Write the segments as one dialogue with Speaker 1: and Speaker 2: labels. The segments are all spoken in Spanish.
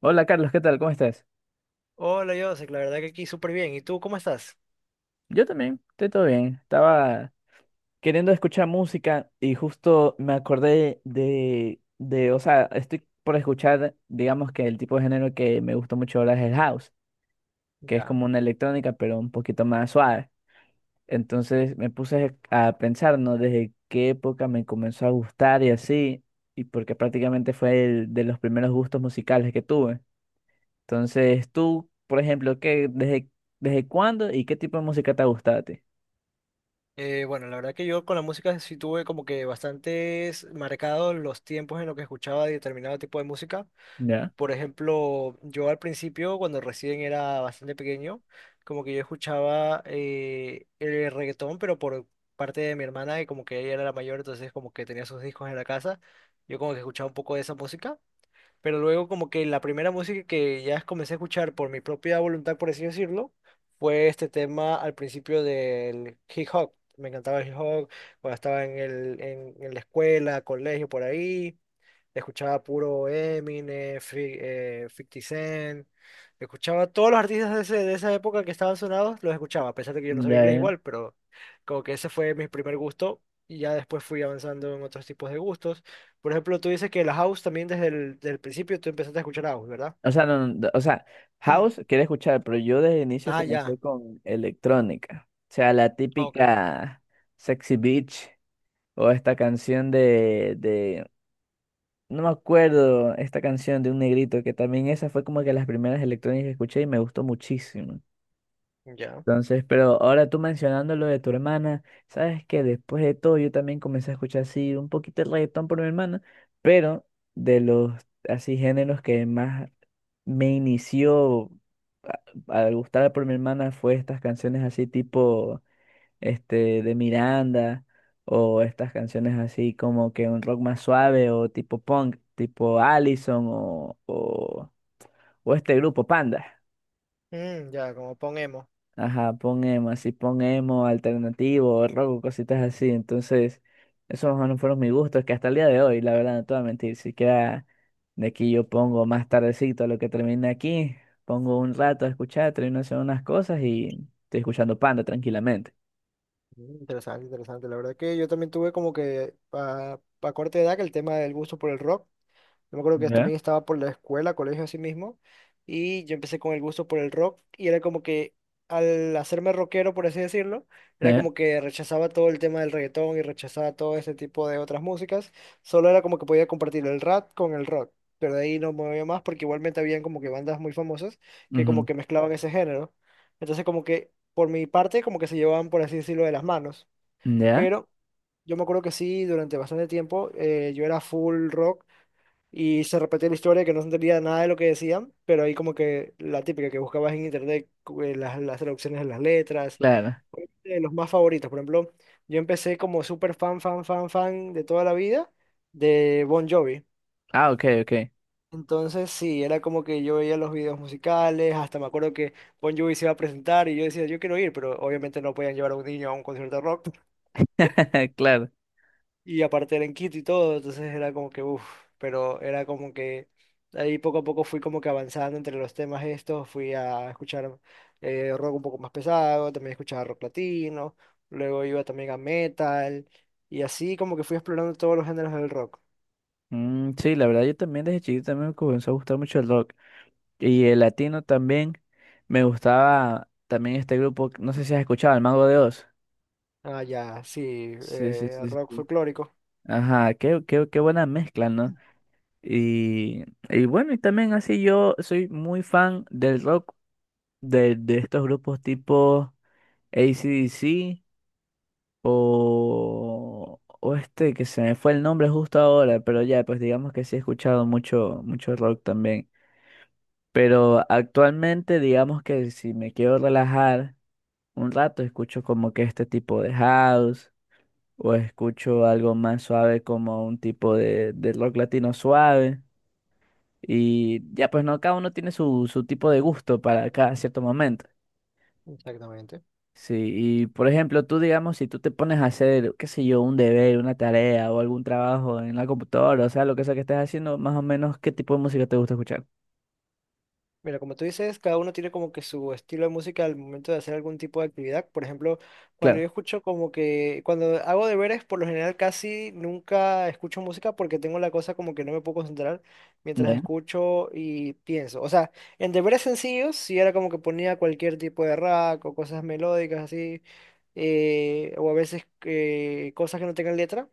Speaker 1: Hola Carlos, ¿qué tal? ¿Cómo estás?
Speaker 2: Hola, Joseph, la verdad que aquí súper bien. ¿Y tú cómo estás?
Speaker 1: Yo también, estoy todo bien. Estaba queriendo escuchar música y justo me acordé o sea, estoy por escuchar, digamos que el tipo de género que me gusta mucho ahora es el house, que es
Speaker 2: Ya.
Speaker 1: como una electrónica, pero un poquito más suave. Entonces me puse a pensar, ¿no? Desde qué época me comenzó a gustar y así, y porque prácticamente fue el de los primeros gustos musicales que tuve. Entonces, tú, por ejemplo, ¿desde cuándo y qué tipo de música te ha gustado a ti?
Speaker 2: Bueno, la verdad que yo con la música sí tuve como que bastantes marcados los tiempos en los que escuchaba determinado tipo de música.
Speaker 1: Ya,
Speaker 2: Por ejemplo, yo al principio, cuando recién era bastante pequeño, como que yo escuchaba el reggaetón, pero por parte de mi hermana, que como que ella era la mayor, entonces como que tenía sus discos en la casa. Yo como que escuchaba un poco de esa música. Pero luego como que la primera música que ya comencé a escuchar por mi propia voluntad, por así decirlo, fue este tema al principio del hip hop. Me encantaba el hip hop, cuando estaba en la escuela, colegio, por ahí. Escuchaba puro Eminem, 50 Cent. Escuchaba todos los artistas de, de esa época que estaban sonados, los escuchaba, a pesar de que yo no sabía
Speaker 1: ya,
Speaker 2: inglés
Speaker 1: ya.
Speaker 2: igual, pero como que ese fue mi primer gusto y ya después fui avanzando en otros tipos de gustos. Por ejemplo, tú dices que la house también desde el del principio tú empezaste a escuchar house, ¿verdad?
Speaker 1: O sea, no, no, o sea, house quiere escuchar, pero yo desde el inicio
Speaker 2: Ah,
Speaker 1: comencé
Speaker 2: ya.
Speaker 1: con electrónica. O sea, la
Speaker 2: Ok.
Speaker 1: típica Sexy Beach o esta canción no me acuerdo, esta canción de un negrito que también esa fue como que las primeras electrónicas que escuché y me gustó muchísimo.
Speaker 2: Ya.
Speaker 1: Entonces, pero ahora tú mencionando lo de tu hermana, sabes que después de todo yo también comencé a escuchar así un poquito el reggaetón por mi hermana, pero de los así géneros que más me inició a- al gustar por mi hermana fue estas canciones así tipo este de Miranda o estas canciones así como que un rock más suave o tipo punk, tipo Allison o este grupo Panda.
Speaker 2: Mm, ya, como ponemos.
Speaker 1: Ajá, pon emo, así pon emo, alternativo, rock, cositas así. Entonces, esos más o menos fueron mis gustos, que hasta el día de hoy, la verdad, no te voy a mentir, si queda de aquí yo pongo más tardecito a lo que termine aquí, pongo un rato a escuchar, termino haciendo unas cosas y estoy escuchando Panda tranquilamente.
Speaker 2: Interesante, interesante. La verdad que yo también tuve como que a corta edad que el tema del gusto por el rock. Yo me acuerdo que
Speaker 1: ¿Ya?
Speaker 2: también estaba por la escuela, colegio así mismo, y yo empecé con el gusto por el rock y era como que al hacerme rockero, por así decirlo, era
Speaker 1: ¿Ya?
Speaker 2: como que rechazaba todo el tema del reggaetón y rechazaba todo ese tipo de otras músicas, solo era como que podía compartir el rap con el rock, pero de ahí no me movía más porque igualmente habían como que bandas muy famosas que como
Speaker 1: Ujú.
Speaker 2: que mezclaban ese género. Entonces como que por mi parte como que se llevaban, por así decirlo, de las manos,
Speaker 1: ¿Ya?
Speaker 2: pero... Yo me acuerdo que sí, durante bastante tiempo yo era full rock y se repetía la historia que no se entendía nada de lo que decían, pero ahí como que la típica que buscabas en internet, las traducciones de las letras,
Speaker 1: Claro.
Speaker 2: obviamente de los más favoritos. Por ejemplo, yo empecé como súper fan de toda la vida de Bon Jovi.
Speaker 1: Ah, ok, ok.
Speaker 2: Entonces sí, era como que yo veía los videos musicales, hasta me acuerdo que Bon Jovi se iba a presentar y yo decía, yo quiero ir, pero obviamente no podían llevar a un niño a un concierto de rock.
Speaker 1: Claro.
Speaker 2: Y aparte era en Quito y todo, entonces era como que, uff, pero era como que ahí poco a poco fui como que avanzando entre los temas estos, fui a escuchar rock un poco más pesado, también escuchaba rock latino, luego iba también a metal, y así como que fui explorando todos los géneros del rock.
Speaker 1: Mm, sí, la verdad, yo también desde chiquito también me comenzó a gustar mucho el rock. Y el latino también. Me gustaba también este grupo, no sé si has escuchado, El Mago de Oz.
Speaker 2: Ah, ya, sí,
Speaker 1: Sí, sí, sí,
Speaker 2: rock
Speaker 1: sí.
Speaker 2: folclórico.
Speaker 1: Ajá, qué buena mezcla, ¿no? Y, y bueno, y también así yo soy muy fan del rock, de estos grupos tipo AC/DC o este que se me fue el nombre justo ahora, pero ya, pues digamos que sí he escuchado mucho, mucho rock también. Pero actualmente digamos que si me quiero relajar un rato escucho como que este tipo de house o escucho algo más suave como un tipo de rock latino suave y ya pues no, cada uno tiene su, su tipo de gusto para cada cierto momento.
Speaker 2: Exactamente.
Speaker 1: Sí, y por ejemplo, tú digamos, si tú te pones a hacer, qué sé yo, un deber, una tarea o algún trabajo en la computadora, o sea, lo que sea que estés haciendo, más o menos, ¿qué tipo de música te gusta escuchar?
Speaker 2: Mira, como tú dices, cada uno tiene como que su estilo de música al momento de hacer algún tipo de actividad. Por ejemplo, cuando
Speaker 1: Claro.
Speaker 2: yo escucho como que, cuando hago deberes, por lo general casi nunca escucho música porque tengo la cosa como que no me puedo concentrar mientras
Speaker 1: Ya,
Speaker 2: escucho y pienso. O sea, en deberes sencillos, si era como que ponía cualquier tipo de rack o cosas melódicas así, o a veces cosas que no tengan letra.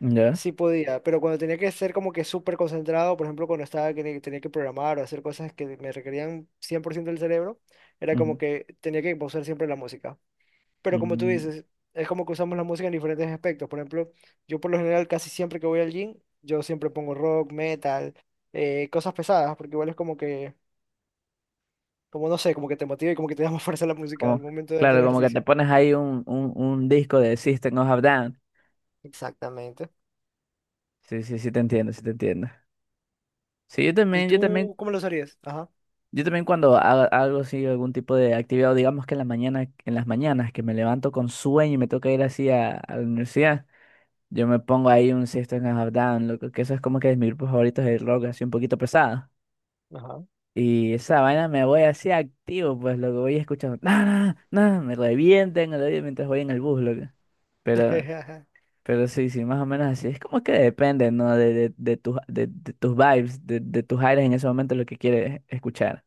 Speaker 1: ya.
Speaker 2: Sí podía, pero cuando tenía que ser como que súper concentrado, por ejemplo, cuando estaba que tenía que programar o hacer cosas que me requerían 100% del cerebro, era como
Speaker 1: Ujú.
Speaker 2: que tenía que pausar siempre la música. Pero como tú
Speaker 1: Mm.
Speaker 2: dices, es como que usamos la música en diferentes aspectos. Por ejemplo, yo por lo general casi siempre que voy al gym, yo siempre pongo rock, metal, cosas pesadas, porque igual es como que, como no sé, como que te motiva y como que te da más fuerza la música al
Speaker 1: Como,
Speaker 2: momento de hacer
Speaker 1: claro, como que
Speaker 2: ejercicio.
Speaker 1: te pones ahí un disco de System of a Down.
Speaker 2: Exactamente.
Speaker 1: Sí, sí, sí te entiendo, sí te entiendo. Sí, yo
Speaker 2: ¿Y
Speaker 1: también, yo también,
Speaker 2: tú cómo lo harías? Ajá.
Speaker 1: yo también cuando haga algo así, algún tipo de actividad, o digamos que en la mañana, en las mañanas que me levanto con sueño y me toca ir así a la universidad, yo me pongo ahí un System of a Down, loco, que eso es como que es mi grupo favorito de rock, así un poquito pesado.
Speaker 2: Ajá.
Speaker 1: Y esa vaina me voy así activo, pues lo que voy escuchando, nada, nada, me revienten el oído mientras voy en el bus, loco. Pero Pero sí, sí, más o menos así. Es como que depende, ¿no? De, de tus vibes, de tus aires en ese momento, lo que quieres escuchar.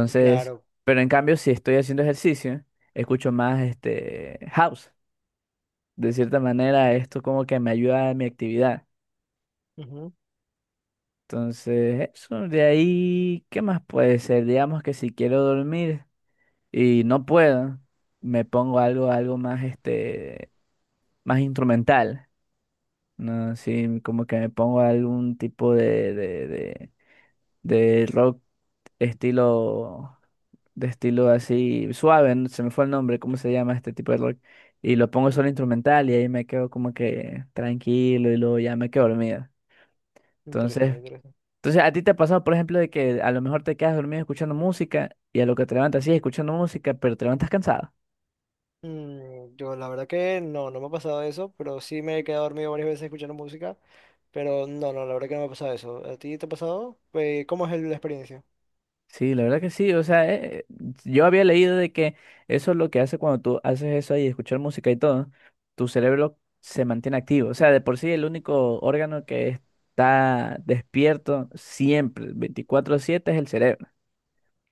Speaker 2: Claro.
Speaker 1: pero en cambio, si estoy haciendo ejercicio, escucho más este house. De cierta manera, esto como que me ayuda a mi actividad.
Speaker 2: Ujú.
Speaker 1: Entonces, eso de ahí, ¿qué más puede ser? Digamos que si quiero dormir y no puedo, me pongo algo, algo más, este, más instrumental. No, sí, como que me pongo algún tipo de rock estilo, de estilo así suave, no- se me fue el nombre, ¿cómo se llama este tipo de rock? Y lo pongo solo instrumental y ahí me quedo como que tranquilo y luego ya me quedo dormida. Entonces,
Speaker 2: Interesante, interesante.
Speaker 1: entonces ¿a ti te ha pasado, por ejemplo, de que a lo mejor te quedas dormido escuchando música y a lo que te levantas sí escuchando música, pero te levantas cansado?
Speaker 2: Mm, yo la verdad que no, no me ha pasado eso, pero sí me he quedado dormido varias veces escuchando música, pero no, no, la verdad que no me ha pasado eso. ¿A ti te ha pasado? ¿Cómo es la experiencia?
Speaker 1: Sí, la verdad que sí, o sea, yo había leído de que eso es lo que hace cuando tú haces eso ahí, escuchar música y todo, tu cerebro se mantiene activo, o sea, de por sí el único órgano que está despierto siempre, 24/7 es el cerebro.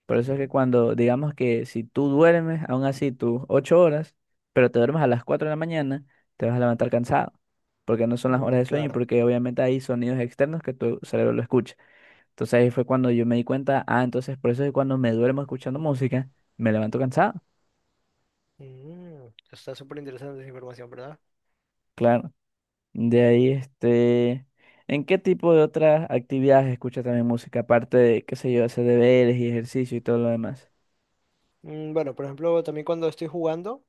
Speaker 1: Por eso es que
Speaker 2: Ujú.
Speaker 1: cuando, digamos que si tú duermes, aún así tus 8 horas, pero te duermes a las 4 de la mañana, te vas a levantar cansado, porque no son las
Speaker 2: Mm,
Speaker 1: horas de sueño y
Speaker 2: claro.
Speaker 1: porque obviamente hay sonidos externos que tu cerebro lo escucha. Entonces ahí fue cuando yo me di cuenta, ah, entonces por eso es que cuando me duermo escuchando música, me levanto cansado.
Speaker 2: Mm, está súper interesante esa información, ¿verdad?
Speaker 1: Claro. De ahí, este, ¿en qué tipo de otras actividades escuchas también música? Aparte de, qué sé yo, hacer deberes y ejercicio y todo lo demás.
Speaker 2: Mm, bueno, por ejemplo, también cuando estoy jugando,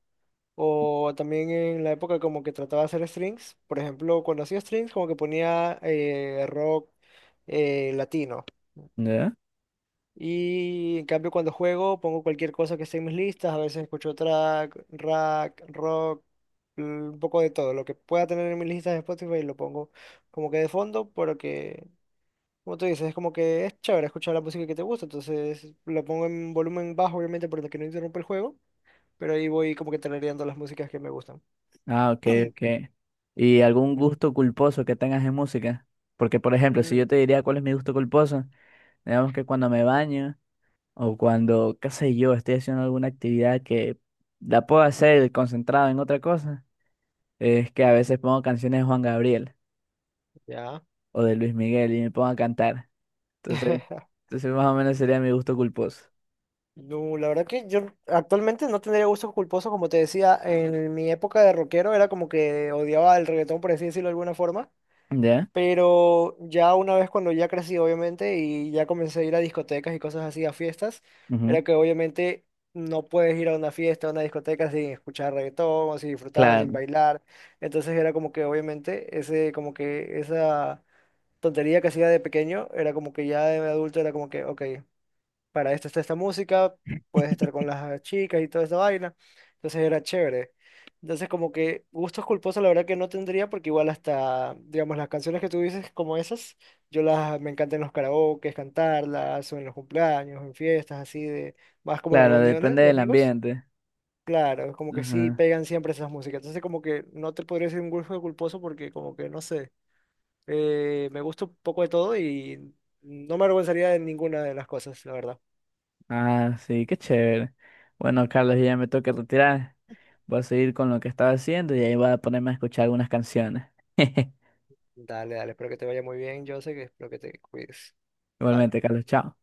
Speaker 2: o también en la época como que trataba de hacer strings, por ejemplo, cuando hacía strings como que ponía rock latino.
Speaker 1: ¿Ya?
Speaker 2: Y en cambio cuando juego pongo cualquier cosa que esté en mis listas, a veces escucho rock, un poco de todo, lo que pueda tener en mis listas de Spotify lo pongo como que de fondo, porque como tú dices, es como que es chévere escuchar la música que te gusta, entonces lo pongo en volumen bajo obviamente para que no interrumpa el juego, pero ahí voy como que tarareando las músicas que me gustan.
Speaker 1: Ah, ok, ok. ¿Y algún
Speaker 2: Ujú.
Speaker 1: gusto culposo que tengas en música? Porque, por ejemplo, si
Speaker 2: Mm,
Speaker 1: yo te diría cuál es mi gusto culposo, digamos que cuando me baño o cuando, qué sé yo, estoy haciendo alguna actividad que la puedo hacer concentrado en otra cosa. Es que a veces pongo canciones de Juan Gabriel
Speaker 2: ya.
Speaker 1: o de Luis Miguel y me pongo a cantar. Entonces, entonces más o menos sería mi gusto culposo.
Speaker 2: No, la verdad que yo actualmente no tendría gusto culposo, como te decía, en mi época de rockero era como que odiaba el reggaetón, por así decirlo de alguna forma,
Speaker 1: ¿Ya?
Speaker 2: pero ya una vez cuando ya crecí, obviamente, y ya comencé a ir a discotecas y cosas así, a fiestas,
Speaker 1: Ujú.
Speaker 2: era que obviamente no puedes ir a una fiesta, a una discoteca sin escuchar reggaetón, o sin disfrutar, o sin
Speaker 1: Claro,
Speaker 2: bailar, entonces era como que obviamente ese, como que esa tontería que hacía de pequeño, era como que ya de adulto era como que, ok, para esto está esta música, puedes estar con las chicas y toda esa vaina. Entonces era chévere. Entonces como que gustos culposos la verdad que no tendría porque igual hasta, digamos, las canciones que tú dices como esas, me encantan en los karaokes, cantarlas, o en los cumpleaños, en fiestas así de, más como en
Speaker 1: claro,
Speaker 2: reuniones
Speaker 1: depende
Speaker 2: de
Speaker 1: del
Speaker 2: amigos.
Speaker 1: ambiente.
Speaker 2: Claro, es como que sí
Speaker 1: Ajá.
Speaker 2: pegan siempre esas músicas. Entonces como que no te podría decir un gusto culposo porque como que no sé, me gusta un poco de todo y no me avergonzaría de ninguna de las cosas, la verdad.
Speaker 1: Ah, sí, qué chévere. Bueno, Carlos, ya me toca retirar. Voy a seguir con lo que estaba haciendo y ahí voy a ponerme a escuchar algunas canciones.
Speaker 2: Dale, dale, espero que te vaya muy bien, José, que espero que te cuides.
Speaker 1: Igualmente, Carlos, chao.